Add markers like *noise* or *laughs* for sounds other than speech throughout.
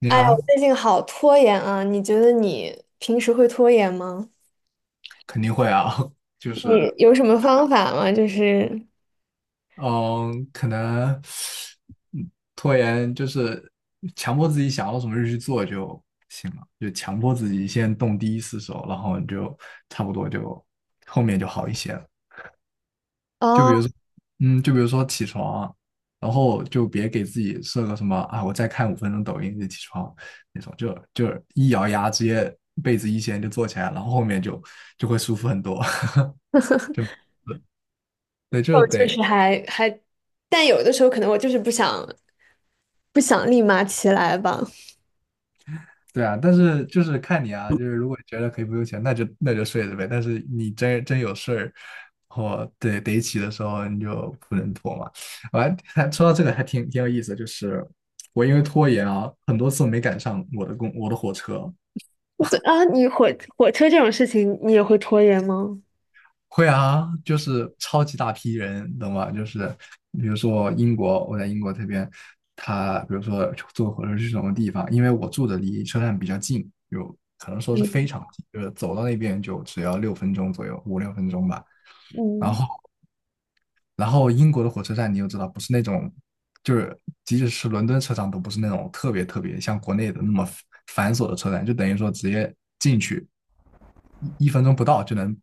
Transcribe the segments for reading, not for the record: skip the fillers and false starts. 你哎呀，啊，我最近好拖延啊！你觉得你平时会拖延吗？肯定会啊，*laughs* 就你是有什么方法吗？就是，嗯，可能嗯拖延就是强迫自己想要什么就去做就行了，就强迫自己先动第一次手，然后你就差不多就后面就好一些了。就哦，比如说，就比如说起床啊，然后就别给自己设个什么啊，我再看5分钟抖音就起床那种，就一咬牙直接被子一掀就坐起来，然后后面就会舒服很多。*laughs* 就 *laughs* 对，就我确得。实还，但有的时候可能我就是不想立马起来吧。对啊，但是就是看你啊，就是如果觉得可以不用钱，那就睡着呗。但是你真有事儿，或对得起的时候，你就不能拖嘛。我还说到这个还挺有意思的，就是我因为拖延啊，很多次没赶上我的我的火车。这啊，火车这种事情，你也会拖延吗？会啊，就是超级大批人，懂吗？就是比如说英国，我在英国这边，他比如说坐火车去什么地方，因为我住的离车站比较近，有可能说是非嗯，常近，就是走到那边就只要六分钟左右，5、6分钟吧。然嗯，后，英国的火车站你又知道，不是那种，就是即使是伦敦车站都不是那种特别特别像国内的那么繁琐的车站，就等于说直接去，一分钟不到就能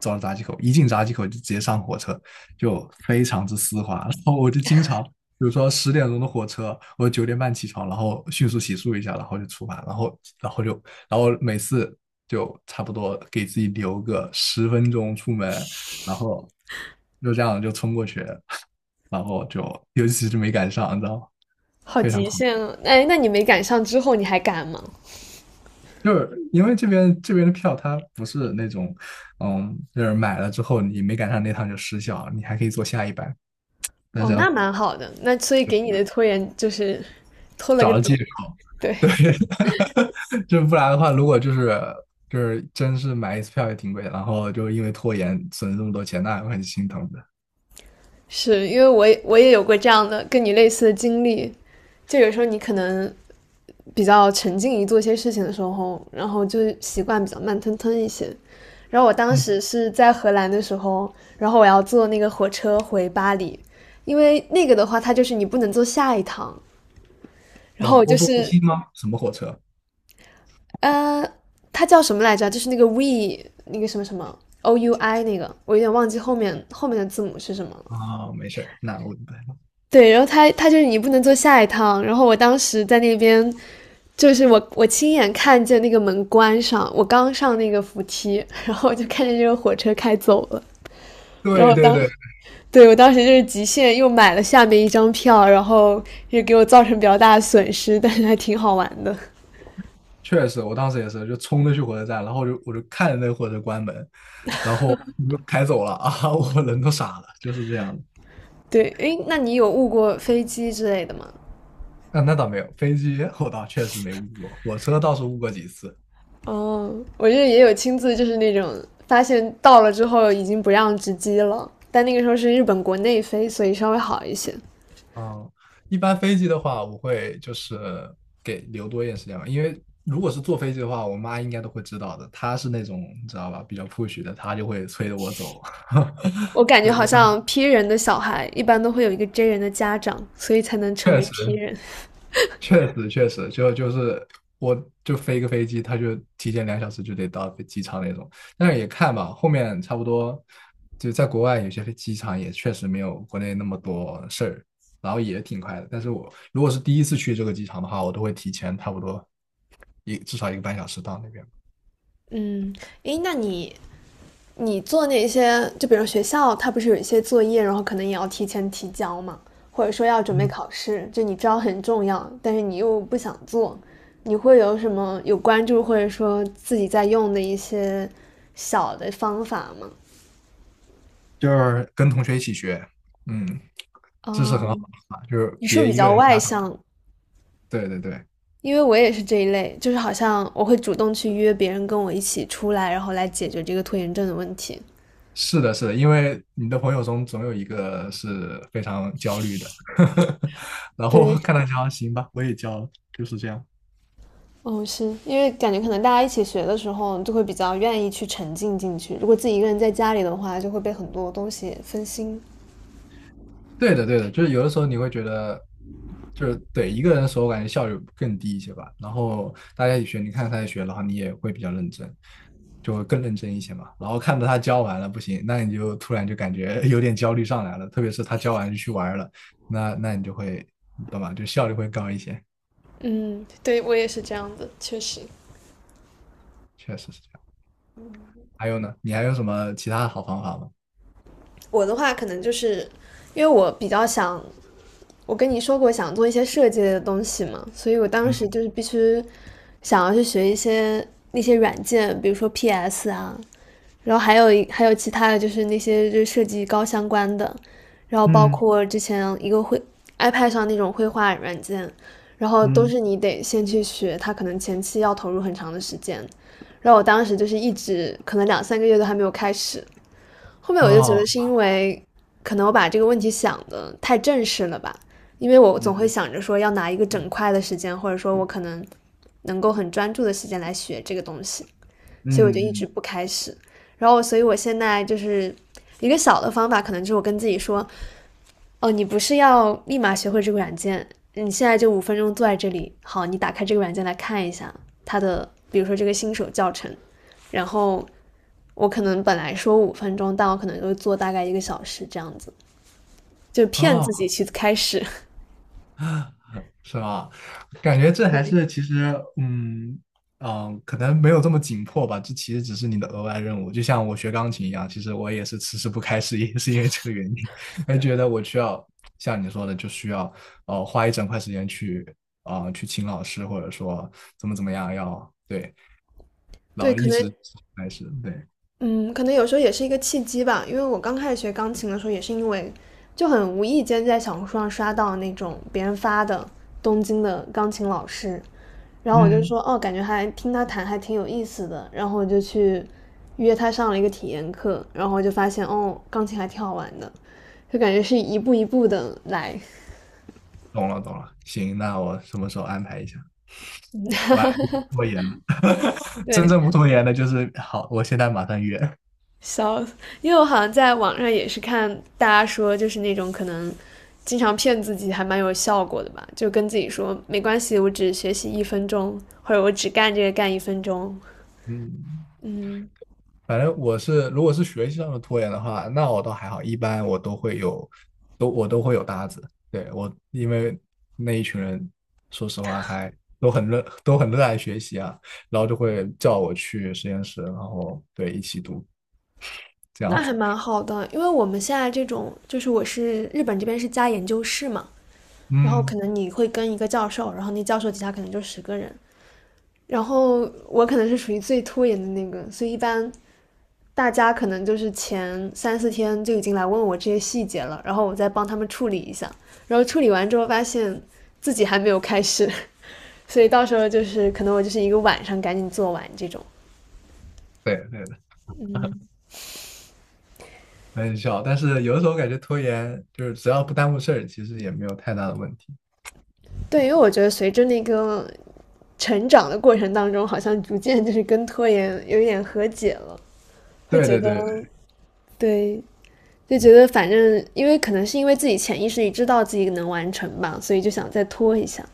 走到闸机口，一进闸机口就直接上火车，就非常之丝滑。*laughs* 然后我就经常，比如说10点钟的火车，我9点半起床，然后迅速洗漱一下，然后就出发，然后然后就然后每次就差不多给自己留个10分钟出门，然后就这样就冲过去，*laughs* 然后就尤其是没赶上，你知道吗？好非常极快。限啊！哎，那你没赶上之后，你还敢吗？就是因为这边的票它不是那种，就是买了之后你没赶上那趟就失效，你还可以坐下一班，但是哦，那要。蛮好的。那所以给你的拖延就是拖了个找了借底。口，对，对。*laughs* 就不然的话，如果就是真是买一次票也挺贵，然后就因为拖延损失这么多钱，那还会很心疼的。是因为我也有过这样的跟你类似的经历，就有时候你可能比较沉浸于做一些事情的时候，然后就习惯比较慢吞吞一些。然后我当嗯，时是在荷兰的时候，然后我要坐那个火车回巴黎，因为那个的话，它就是你不能坐下一趟，然那后我欧就洲之是星吗？什么火车？呃，它叫什么来着？就是那个 we 那个什么什么 o u i 那个，我有点忘记后面的字母是什么了。啊，没事儿，那我明白了。对，然后它就是你不能坐下一趟。然后我当时在那边，就是我亲眼看见那个门关上，我刚上那个扶梯，然后我就看见这个火车开走了。然对后对当对。对，我当时就是极限又买了下面一张票，然后也给我造成比较大的损失，但是还挺好玩的。确实，我当时也是，就冲着去火车站，然后我就看着那个火车关门，然后我就开走了啊，*laughs* 我人都傻了，就是这样的。对，诶，那你有误过飞机之类的吗？那倒没有，飞机我倒确实没误过，火车倒是误过几次。哦，我这也有亲自就是那种发现到了之后已经不让直机了，但那个时候是日本国内飞，所以稍微好一些。嗯，一般飞机的话，我会就是给留多一点时间吧，因为如果是坐飞机的话，我妈应该都会知道的，她是那种你知道吧，比较 push 的，她就会催着我走。*laughs* 我感觉对，一好般像 P 人的小孩一般都会有一个 J 人的家长，所以才能成确为 P 实。人。确实，就是我就飞一个飞机，他就提前2小时就得到飞机场那种。但是也看吧，后面差不多就在国外有些飞机场也确实没有国内那么多事儿，然后也挺快的。但是我如果是第一次去这个机场的话，我都会提前差不多至少1个半小时到那边。嗯，诶，那你做那些，就比如学校，它不是有一些作业，然后可能也要提前提交嘛，或者说要准备嗯，考试，就你知道很重要，但是你又不想做，你会有什么有关注或者说自己在用的一些小的方法吗？就是跟同学一起学。嗯，这是很好的嗯，方法，就是你是不是别比一个较人外瞎打。向？对对对。因为我也是这一类，就是好像我会主动去约别人跟我一起出来，然后来解决这个拖延症的问题。是的，是的，因为你的朋友中总有一个是非常焦虑的，*laughs* 然后对，看他焦，行吧，我也焦了，就是这样。哦，是因为感觉可能大家一起学的时候，就会比较愿意去沉浸进去。如果自己一个人在家里的话，就会被很多东西分心。对的，对的，就是有的时候你会觉得，就是对一个人的时候，我感觉效率更低一些吧。然后大家一起学，你看他在学，然后你也会比较认真，就会更认真一些嘛。然后看到他教完了不行，那你就突然就感觉有点焦虑上来了，特别是他教完就去玩儿了，那那你就会，你懂吧？就效率会高一些，嗯，对我也是这样的，确实。确实是这样。还有呢？你还有什么其他的好方法吗？我的话可能就是因为我比较想，我跟你说过想做一些设计类的东西嘛，所以我当时嗯。就是必须想要去学一些那些软件，比如说 PS 啊，然后还有其他的就是那些就是设计高相关的，然后包嗯括之前一个绘 iPad 上那种绘画软件，然后都嗯。是你得先去学，它可能前期要投入很长的时间。然后我当时就是一直可能2、3个月都还没有开始，后面我就觉哦。得是因为可能我把这个问题想的太正式了吧，因为我总嗯会想着说要拿一个整块的时间，或者说我可能能够很专注的时间来学这个东西，所以我就一嗯直嗯。不开始。然后，所以我现在就是一个小的方法，可能就是我跟自己说，哦，你不是要立马学会这个软件？你现在就五分钟坐在这里，好，你打开这个软件来看一下它的，比如说这个新手教程，然后我可能本来说五分钟，但我可能就做大概1个小时这样子，就骗自己哦，去开始。是吧？感觉这还是 *laughs* 其实，可能没有这么紧迫吧。这其实只是你的额外任务，就像我学钢琴一样，其实我也是迟迟不开始，也是因为这个原因，*laughs* 还觉得我需要像你说的，就需要花一整块时间去去请老师，或者说怎么怎么样要对，然对，后可一能直开始对。嗯，可能有时候也是一个契机吧，因为我刚开始学钢琴的时候，也是因为就很无意间在小红书上刷到那种别人发的东京的钢琴老师，然后我就嗯。说哦，感觉还听他弹还挺有意思的，然后我就去约他上了一个体验课，然后我就发现哦，钢琴还挺好玩的，就感觉是一步一步的来。懂了懂了，行，那我什么时候安排一下？完了，拖延了。*laughs* 真对，正不拖延的就是好，我现在马上约。笑死！因为我好像在网上也是看大家说，就是那种可能经常骗自己还蛮有效果的吧，就跟自己说没关系，我只学习一分钟，或者我只干这个干一分钟。嗯，嗯，反正我是，如果是学习上的拖延的话，那我倒还好，一般我都会有，我都会有搭子。对，我，因为那一群人，说实话还都很热爱学习啊，然后就会叫我去实验室，然后，对，一起读，这那样的。还蛮好的，因为我们现在这种就是我是日本这边是加研究室嘛，然后可嗯。能你会跟一个教授，然后那教授底下可能就10个人，然后我可能是属于最拖延的那个，所以一般大家可能就是前3、4天就已经来问我这些细节了，然后我再帮他们处理一下，然后处理完之后发现自己还没有开始，*laughs* 所以到时候就是可能我就是一个晚上赶紧做完这种。对对。嗯，很小，但是有的时候感觉拖延就是只要不耽误事儿，其实也没有太大的问题。对，因为我觉得随着那个成长的过程当中，好像逐渐就是跟拖延有一点和解了，会对觉对对，得对。就觉得反正，因为可能是因为自己潜意识里知道自己能完成吧，所以就想再拖一下。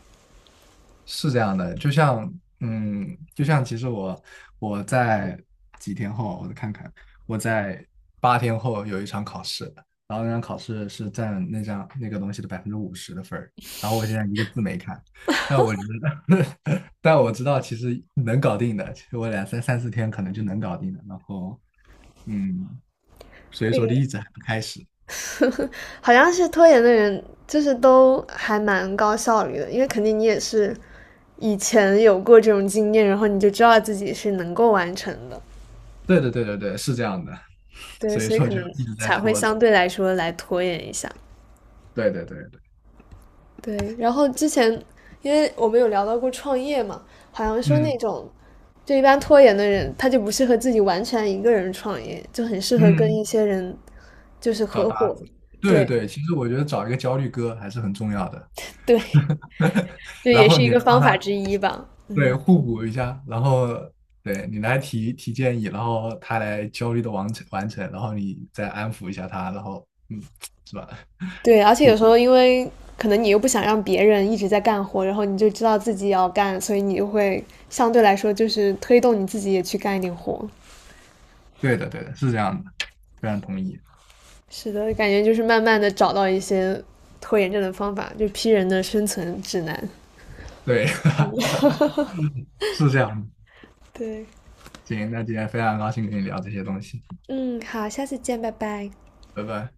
是这样的。就像嗯，其实我在几天后，我看看，我在8天后有一场考试，然后那场考试是占那张那个东西的50%的分儿，然后我现在一个字没看，但我觉得 *laughs* 但我知道其实能搞定的，其实我三四天可能就能搞定的，然后嗯，所以说就诶。一直还不开始。*laughs* 好像是拖延的人，就是都还蛮高效率的，因为肯定你也是以前有过这种经验，然后你就知道自己是能够完成的，对对对对对，是这样的，对，所以所以说可就能一直在才会拖着。相对来说来拖延一下。对对对对。对，然后之前因为我们有聊到过创业嘛，好像说那嗯种就一般拖延的人，他就不适合自己完全一个人创业，就很适合跟嗯。一些人就是找合搭伙。子。对对对，其实我觉得找一个焦虑哥还是很重要的。对，*laughs* 这然也后是一你来个帮方法他，之一吧。对，嗯。互补一下，然后，对，你来提提建议，然后他来焦虑的完成完成，然后你再安抚一下他，然后是吧？对，而且有时候因为可能你又不想让别人一直在干活，然后你就知道自己要干，所以你就会相对来说就是推动你自己也去干一点活。对的对的，是这样的，非常同意。是的，感觉就是慢慢的找到一些拖延症的方法，就批人的生存指南。对。*laughs* 是这样的。对，行，那今天非常高兴跟你聊这些东西，嗯，好，下次见，拜拜。拜拜。